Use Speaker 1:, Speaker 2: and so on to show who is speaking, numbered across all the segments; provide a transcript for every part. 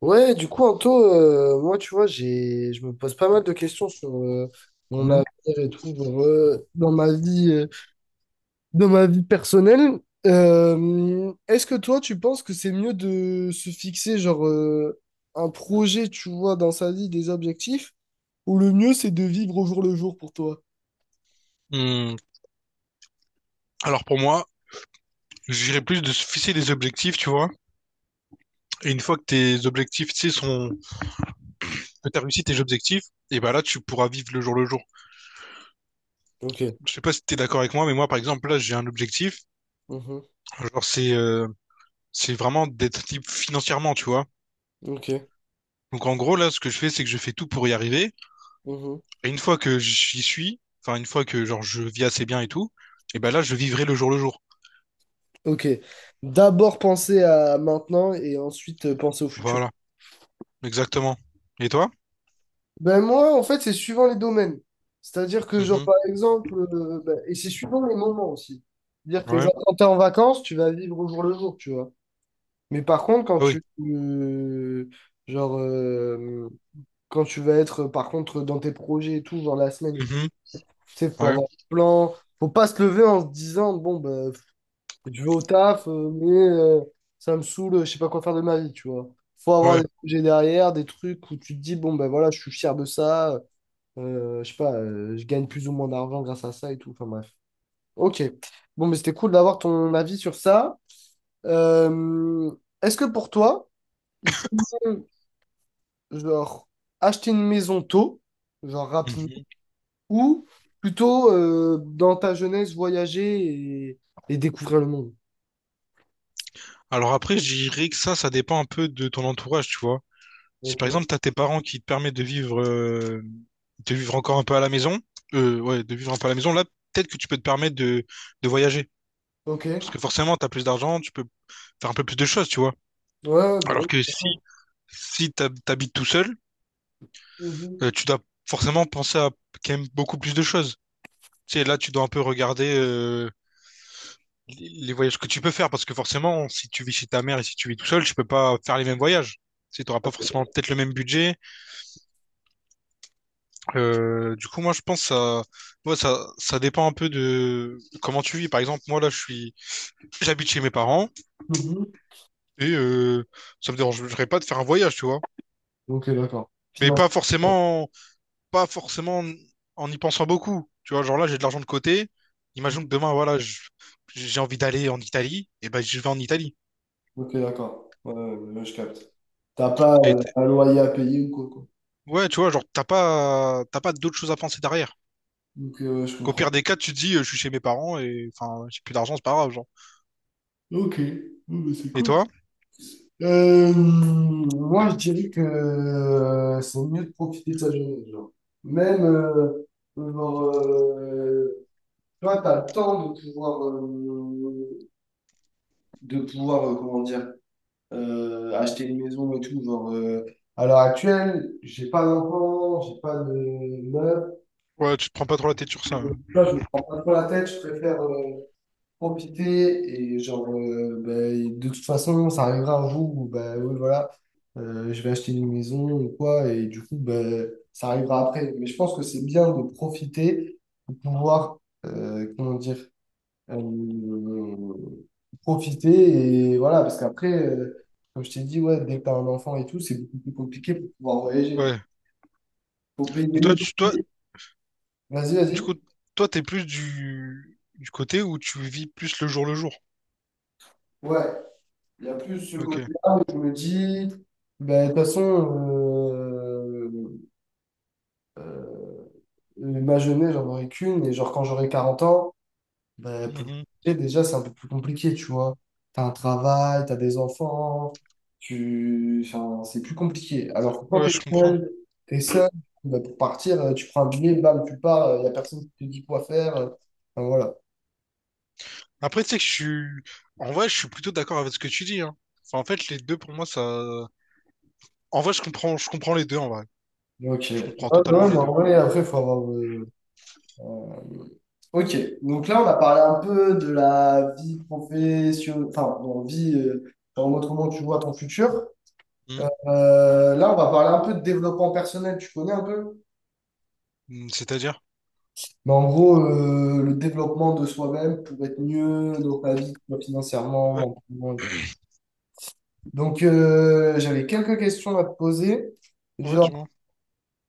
Speaker 1: Ouais, du coup, Anto, moi, tu vois, je me pose pas mal de questions sur mon
Speaker 2: Mhm.
Speaker 1: avenir et tout, genre, dans ma vie personnelle. Est-ce que toi, tu penses que c'est mieux de se fixer, genre, un projet, tu vois, dans sa vie, des objectifs, ou le mieux, c'est de vivre au jour le jour pour toi?
Speaker 2: Hmm, Alors pour moi, j'irais plus de se fixer des objectifs, tu vois. Et une fois que tes objectifs, tu sais, sont... que t'as réussi tes objectifs, et ben là, tu pourras vivre le jour le jour.
Speaker 1: Ok,
Speaker 2: Je sais pas si t'es d'accord avec moi, mais moi, par exemple, là, j'ai un objectif.
Speaker 1: mhm,
Speaker 2: Genre, c'est vraiment d'être libre financièrement, tu vois.
Speaker 1: ok,
Speaker 2: Donc en gros, là, ce que je fais, c'est que je fais tout pour y arriver.
Speaker 1: mhm.
Speaker 2: Et une fois que j'y suis, enfin, une fois que, genre, je vis assez bien et tout, et ben là, je vivrai le jour le jour.
Speaker 1: Ok. D'abord penser à maintenant et ensuite penser au futur.
Speaker 2: Voilà, exactement. Et toi?
Speaker 1: Ben moi, en fait, c'est suivant les domaines. C'est-à-dire que, genre,
Speaker 2: Mhm.
Speaker 1: par exemple, ben, et c'est suivant les moments aussi. C'est-à-dire que,
Speaker 2: Ouais.
Speaker 1: genre, quand t'es en vacances, tu vas vivre au jour le jour, tu vois. Mais par contre,
Speaker 2: Ah oui.
Speaker 1: genre, euh, quand tu vas être, par contre, dans tes projets et tout, genre la semaine et tout,
Speaker 2: Mhm.
Speaker 1: tu sais, faut
Speaker 2: Ouais.
Speaker 1: avoir un plan. Faut pas se lever en se disant, bon, ben, je vais au taf, mais ça me saoule, je sais pas quoi faire de ma vie, tu vois. Faut avoir
Speaker 2: Ouais.
Speaker 1: des projets derrière, des trucs où tu te dis, bon, ben voilà, je suis fier de ça. Je sais pas, je gagne plus ou moins d'argent grâce à ça et tout. Enfin bref. Ok. Bon, mais c'était cool d'avoir ton avis sur ça. Euh, est-ce que pour toi, il faut genre acheter une maison tôt, genre rapidement,
Speaker 2: Mhm.
Speaker 1: ou plutôt dans ta jeunesse voyager et découvrir le monde?
Speaker 2: Alors après, je dirais que ça dépend un peu de ton entourage, tu vois. Si
Speaker 1: Ok.
Speaker 2: par exemple, t'as tes parents qui te permettent de vivre encore un peu à la maison, ouais, de vivre un peu à la maison, là, peut-être que tu peux te permettre de voyager.
Speaker 1: Ok. Ouais,
Speaker 2: Parce que forcément, t'as plus d'argent, tu peux faire un peu plus de choses, tu vois.
Speaker 1: bah
Speaker 2: Alors
Speaker 1: oui.
Speaker 2: que si,
Speaker 1: D'accord.
Speaker 2: si t'habites tout seul,
Speaker 1: Mhm.
Speaker 2: tu dois forcément penser à quand même beaucoup plus de choses. Tu sais, là, tu dois un peu regarder, les voyages que tu peux faire. Parce que forcément, si tu vis chez ta mère et si tu vis tout seul, tu peux pas faire les mêmes voyages. Tu sais, t'auras pas forcément peut-être le même budget. Du coup, moi, je pense ça, moi, ça dépend un peu de comment tu vis. Par exemple, moi, là, je suis, j'habite chez mes parents
Speaker 1: Mhm.
Speaker 2: et ça me dérangerait pas de faire un voyage, tu vois.
Speaker 1: Ok, d'accord.
Speaker 2: Mais
Speaker 1: Finance.
Speaker 2: pas forcément, pas forcément en y pensant beaucoup. Tu vois, genre là, j'ai de l'argent de côté. Imagine que demain, voilà, j'ai envie d'aller en Italie, et ben, je vais en Italie.
Speaker 1: Ok, d'accord. Ouais, ouais, ouais, je capte. T'as pas
Speaker 2: Et t-
Speaker 1: un loyer à payer ou quoi, quoi.
Speaker 2: ouais, tu vois, genre, t'as pas d'autres choses à penser derrière.
Speaker 1: Donc, je
Speaker 2: Au
Speaker 1: comprends.
Speaker 2: pire des cas, tu te dis, je suis chez mes parents et enfin, j'ai plus d'argent, c'est pas grave, genre.
Speaker 1: Ok. Oh, bah, c'est
Speaker 2: Et
Speaker 1: cool.
Speaker 2: toi?
Speaker 1: Moi, je dirais que c'est mieux de profiter de sa jeunesse. Genre. Même, genre, toi, tu le temps de pouvoir, comment dire, acheter une maison et tout. Genre, à l'heure actuelle, j'ai pas d'enfant, j'ai pas de meuf.
Speaker 2: Ouais, tu te prends pas trop la tête sur ça.
Speaker 1: Là, je me prends pas trop la tête, je préfère, profiter et genre ben, de toute façon ça arrivera un jour où ben oui voilà, je vais acheter une maison ou quoi et du coup ben ça arrivera après, mais je pense que c'est bien de profiter pour pouvoir, comment dire, euh, profiter et voilà parce qu'après, comme je t'ai dit ouais dès que t'as un enfant et tout c'est beaucoup plus compliqué pour pouvoir voyager,
Speaker 2: Ouais.
Speaker 1: faut payer
Speaker 2: Donc
Speaker 1: le
Speaker 2: toi,
Speaker 1: billet. Vas-y,
Speaker 2: du
Speaker 1: vas-y.
Speaker 2: coup, toi, t'es plus du côté où tu vis plus le jour le jour.
Speaker 1: Ouais. Il y a plus ce
Speaker 2: Ok.
Speaker 1: côté-là où je me dis, ben, de toute façon, euh, euh, ma jeunesse, j'en aurai qu'une. Et genre, quand j'aurai 40 ans, ben, pour
Speaker 2: Mhm.
Speaker 1: et déjà, c'est un peu plus compliqué, tu vois. T'as un travail, t'as des enfants, tu... enfin, c'est plus compliqué. Alors que quand
Speaker 2: Ouais, je
Speaker 1: t'es
Speaker 2: comprends.
Speaker 1: seul, t'es seul, ben, pour partir, tu prends un billet, bam, tu pars, il n'y a personne qui te dit quoi faire. Enfin, voilà.
Speaker 2: Après, tu sais que je suis, en vrai, je suis plutôt d'accord avec ce que tu dis, hein. Enfin, en fait, les deux, pour moi, ça, en vrai, je comprends les deux, en vrai.
Speaker 1: Ok.
Speaker 2: Je comprends
Speaker 1: Ouais,
Speaker 2: totalement
Speaker 1: ouais, mais
Speaker 2: les deux.
Speaker 1: en vrai, après, faut avoir. Euh, ok, donc là on a parlé un peu de la vie professionnelle, enfin, bon, en mode comment tu vois ton futur.
Speaker 2: Mhm.
Speaker 1: Là on va parler un peu de développement personnel, tu connais un peu?
Speaker 2: C'est-à-dire?
Speaker 1: Mais en gros, le développement de soi-même pour être mieux dans ta vie, que ce soit financièrement,
Speaker 2: Ouais.
Speaker 1: mentalement et tout. Donc j'avais quelques questions à te poser.
Speaker 2: Ouais,
Speaker 1: Genre,
Speaker 2: dis-moi.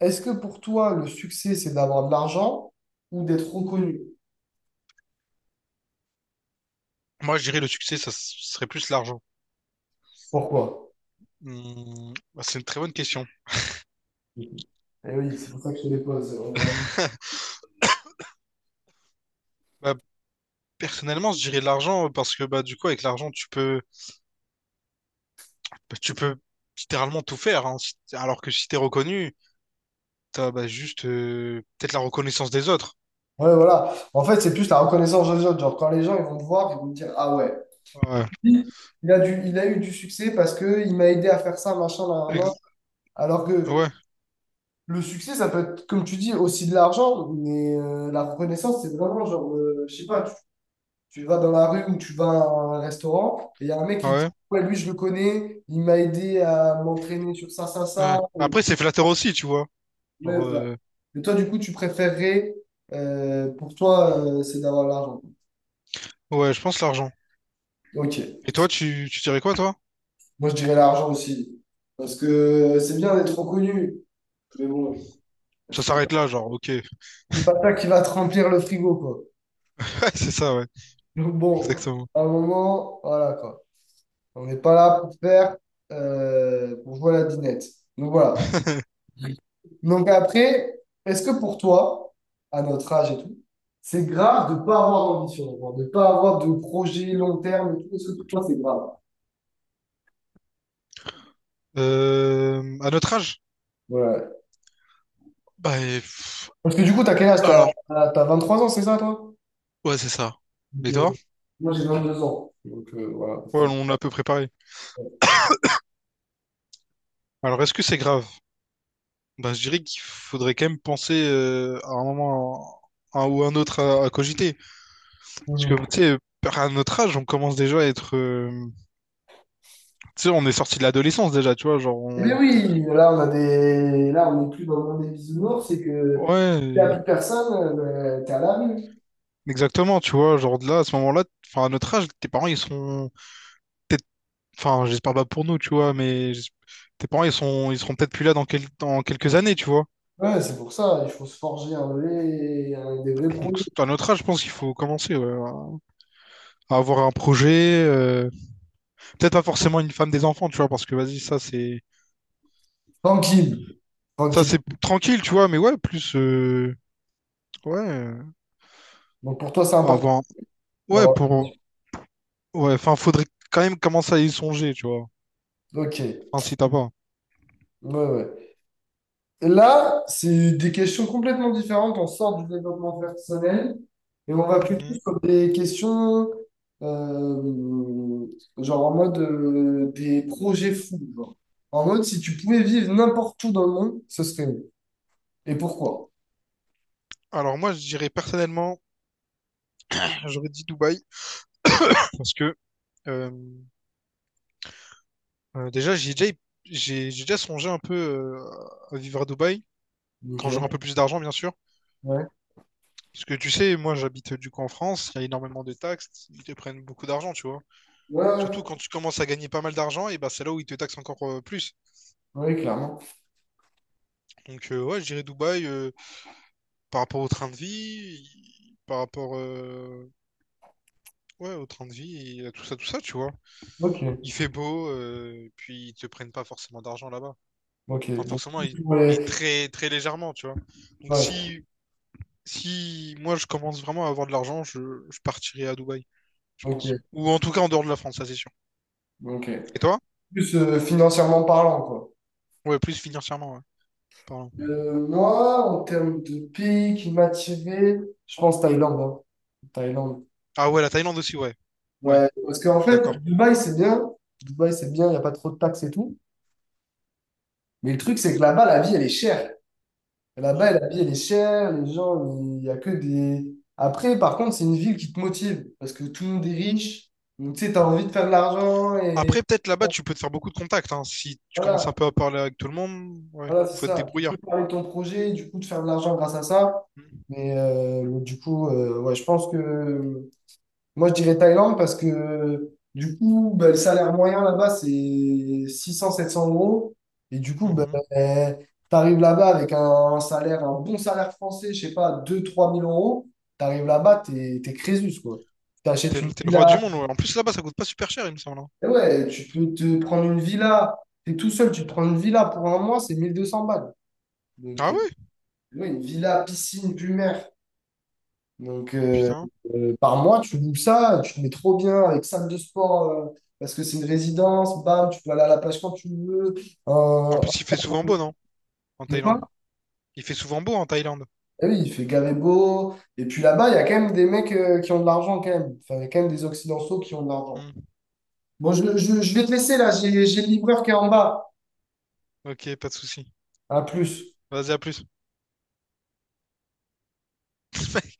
Speaker 1: est-ce que pour toi le succès c'est d'avoir de l'argent ou d'être reconnu?
Speaker 2: Moi, je dirais le succès, serait plus l'argent.
Speaker 1: Pourquoi?
Speaker 2: Bah, c'est une très bonne question.
Speaker 1: Eh oui, c'est pour ça que je te les pose.
Speaker 2: Bah, personnellement, je dirais l'argent parce que, bah, du coup, avec l'argent, tu peux littéralement tout faire, hein. Si- Alors que si t'es reconnu, t'as bah, juste peut-être la reconnaissance des autres.
Speaker 1: Ouais, voilà. En fait, c'est plus la reconnaissance des autres. Genre, quand les gens ils vont te voir, ils vont te dire, ah ouais,
Speaker 2: Ouais,
Speaker 1: lui, il a eu du succès parce que il m'a aidé à faire ça, machin, là, là, là.
Speaker 2: Ex-
Speaker 1: Alors que
Speaker 2: ouais,
Speaker 1: le succès, ça peut être, comme tu dis, aussi de l'argent, mais la reconnaissance, c'est vraiment genre, je sais pas, tu vas dans la rue ou tu vas à un restaurant et il y a un mec qui te
Speaker 2: ouais,
Speaker 1: dit, ouais, lui, je le connais, il m'a aidé à m'entraîner sur ça, ça,
Speaker 2: ouais.
Speaker 1: ça.
Speaker 2: Après,
Speaker 1: Oui.
Speaker 2: c'est flatteur aussi, tu vois.
Speaker 1: Ouais,
Speaker 2: Genre,
Speaker 1: voilà.
Speaker 2: euh,
Speaker 1: Et toi, du coup, tu préférerais, pour toi, c'est d'avoir l'argent.
Speaker 2: ouais, je pense l'argent.
Speaker 1: Ok.
Speaker 2: Et toi, tu dirais quoi, toi?
Speaker 1: Moi, je dirais l'argent aussi. Parce que c'est bien d'être reconnu, mais bon,
Speaker 2: Ça
Speaker 1: c'est pas,
Speaker 2: s'arrête là, genre, ok.
Speaker 1: c'est pas ça qui va te remplir le frigo, quoi.
Speaker 2: Ouais, c'est ça, ouais,
Speaker 1: Donc bon,
Speaker 2: exactement.
Speaker 1: à un moment, voilà, quoi. On n'est pas là pour jouer à la dinette. Donc voilà. Donc après, est-ce que pour toi, à notre âge et tout, c'est grave de ne pas avoir d'ambition, genre de ne pas avoir de projet long terme et tout? Est-ce que pour toi, c'est grave?
Speaker 2: À notre âge?
Speaker 1: Ouais.
Speaker 2: Bah, et pff,
Speaker 1: Parce que du coup, t'as quel âge?
Speaker 2: alors,
Speaker 1: T'as 23 ans, c'est ça, toi?
Speaker 2: ouais, c'est ça. Et toi?
Speaker 1: Ok. Moi, j'ai 22 ans. Donc, voilà.
Speaker 2: Ouais, on a à peu préparé Alors, est-ce que c'est grave? Bah, je dirais qu'il faudrait quand même penser à un moment un ou un autre à cogiter. Parce que,
Speaker 1: Bonjour.
Speaker 2: tu sais, à notre âge, on commence déjà à être... tu sais, on est sorti de l'adolescence déjà, tu vois, genre
Speaker 1: Eh bien
Speaker 2: on...
Speaker 1: oui, là, là, on n'est plus dans le monde des bisounours, c'est que t'es à
Speaker 2: Ouais,
Speaker 1: plus personne, t'es à la rue.
Speaker 2: exactement, tu vois, genre de là, à ce moment-là, enfin, à notre âge, tes parents, ils sont peut-être... Enfin, j'espère pas pour nous, tu vois, tes parents, ils sont... ils seront peut-être plus là dans, dans quelques années, tu vois.
Speaker 1: Ouais, c'est pour ça, il faut se forger des vrais
Speaker 2: Donc,
Speaker 1: produits.
Speaker 2: à notre âge, je pense qu'il faut commencer, ouais, à avoir un projet, peut-être pas forcément une femme des enfants, tu vois, parce que, vas-y, ça, c'est...
Speaker 1: Tranquille,
Speaker 2: Ça,
Speaker 1: tranquille.
Speaker 2: c'est tranquille, tu vois, mais ouais, plus. Ouais,
Speaker 1: Donc, pour toi, c'est important
Speaker 2: avant. Ouais,
Speaker 1: d'avoir...
Speaker 2: pour. Ouais, enfin, faudrait quand même commencer à y songer, tu vois.
Speaker 1: Ok, ouais,
Speaker 2: Enfin, si t'as pas.
Speaker 1: ouais. Là, c'est des questions complètement différentes. On sort du développement personnel et on va plutôt
Speaker 2: Mhm.
Speaker 1: sur des questions euh, genre en mode des projets fous. Genre. En mode, si tu pouvais vivre n'importe où dans le monde, ce serait où? Et pourquoi?
Speaker 2: Alors, moi, je dirais personnellement, j'aurais dit Dubaï, parce que euh, déjà, j'ai déjà songé un peu à vivre à Dubaï, quand j'aurai un
Speaker 1: Ok.
Speaker 2: peu plus d'argent, bien sûr.
Speaker 1: Ouais.
Speaker 2: Parce que tu sais, moi, j'habite du coup en France, il y a énormément de taxes, ils te prennent beaucoup d'argent, tu vois.
Speaker 1: Ouais,
Speaker 2: Surtout
Speaker 1: ouais,
Speaker 2: quand tu commences à gagner pas mal d'argent, et ben c'est là où ils te taxent encore plus.
Speaker 1: ouais, clairement.
Speaker 2: Donc ouais, je dirais Dubaï par rapport au train de vie, par rapport ouais, au train de vie et à tout ça, tu vois.
Speaker 1: Ok.
Speaker 2: Il fait beau, et puis ils te prennent pas forcément d'argent là-bas.
Speaker 1: Ok.
Speaker 2: Enfin
Speaker 1: Donc,
Speaker 2: forcément, ils-
Speaker 1: plus pour
Speaker 2: mais
Speaker 1: les-
Speaker 2: très très légèrement, tu vois. Donc
Speaker 1: ouais.
Speaker 2: si moi je commence vraiment à avoir de l'argent, je partirai à Dubaï, je pense.
Speaker 1: Ok.
Speaker 2: Ou en tout cas en dehors de la France, ça c'est sûr.
Speaker 1: Ok.
Speaker 2: Et toi?
Speaker 1: Plus financièrement parlant, quoi.
Speaker 2: Ouais, plus financièrement, ouais. Pardon.
Speaker 1: Moi, en termes de pays qui m'attirait, je pense Thaïlande. Hein. Thaïlande.
Speaker 2: Ah ouais, la Thaïlande aussi, ouais. Ouais,
Speaker 1: Ouais, parce qu'en
Speaker 2: je suis d'accord.
Speaker 1: fait, Dubaï, c'est bien. Dubaï, c'est bien, il n'y a pas trop de taxes et tout. Mais le truc, c'est que là-bas, la vie, elle est chère.
Speaker 2: Hmm.
Speaker 1: Là-bas, la vie, elle est chère. Les gens, il n'y a que des... Après, par contre, c'est une ville qui te motive parce que tout le monde est riche. Donc, tu sais, tu as envie de faire de l'argent et...
Speaker 2: Après, peut-être là-bas, tu peux te faire beaucoup de contacts, hein. Si tu commences un
Speaker 1: Voilà,
Speaker 2: peu à parler avec tout le monde, ouais,
Speaker 1: voilà, c'est
Speaker 2: faut être
Speaker 1: ça. Tu
Speaker 2: débrouillard.
Speaker 1: peux parler de ton projet, du coup, de faire de l'argent grâce à ça.
Speaker 2: Mhm.
Speaker 1: Mais du coup, ouais, je pense que... Moi, je dirais Thaïlande parce que du coup, ben, le salaire moyen là-bas, c'est 600 700 euros. Et du coup, ben,
Speaker 2: Mhm.
Speaker 1: tu arrives là-bas avec un bon salaire français, je sais pas, deux trois mille euros. Tu arrives là-bas, t'es Crésus, quoi. Tu t'achètes une
Speaker 2: T'es le roi du
Speaker 1: villa.
Speaker 2: monde, ouais. En plus, là-bas, ça coûte pas super cher, il me semble, hein.
Speaker 1: Et ouais, tu peux te prendre une villa. T'es tout seul, tu te prends une villa pour un mois, c'est 1200 balles. Donc,
Speaker 2: Ah ouais?
Speaker 1: ouais, une villa, piscine, plus mer. Donc,
Speaker 2: Putain.
Speaker 1: par mois, tu loues ça, tu te mets trop bien avec salle de sport, parce que c'est une résidence, bam, tu peux aller à la plage quand tu veux.
Speaker 2: En
Speaker 1: Euh,
Speaker 2: plus, il fait souvent beau, non? En
Speaker 1: de
Speaker 2: Thaïlande.
Speaker 1: quoi?
Speaker 2: Il fait souvent beau en Thaïlande.
Speaker 1: Eh oui, il fait gavé beau. Et puis là-bas, il y a quand même des mecs, qui ont de l'argent quand même. Enfin, il y a quand même des Occidentaux qui ont de l'argent.
Speaker 2: Hmm.
Speaker 1: Bon, je vais te laisser là, j'ai le livreur qui est en bas.
Speaker 2: Ok, pas de souci.
Speaker 1: À plus.
Speaker 2: Vas-y, à plus.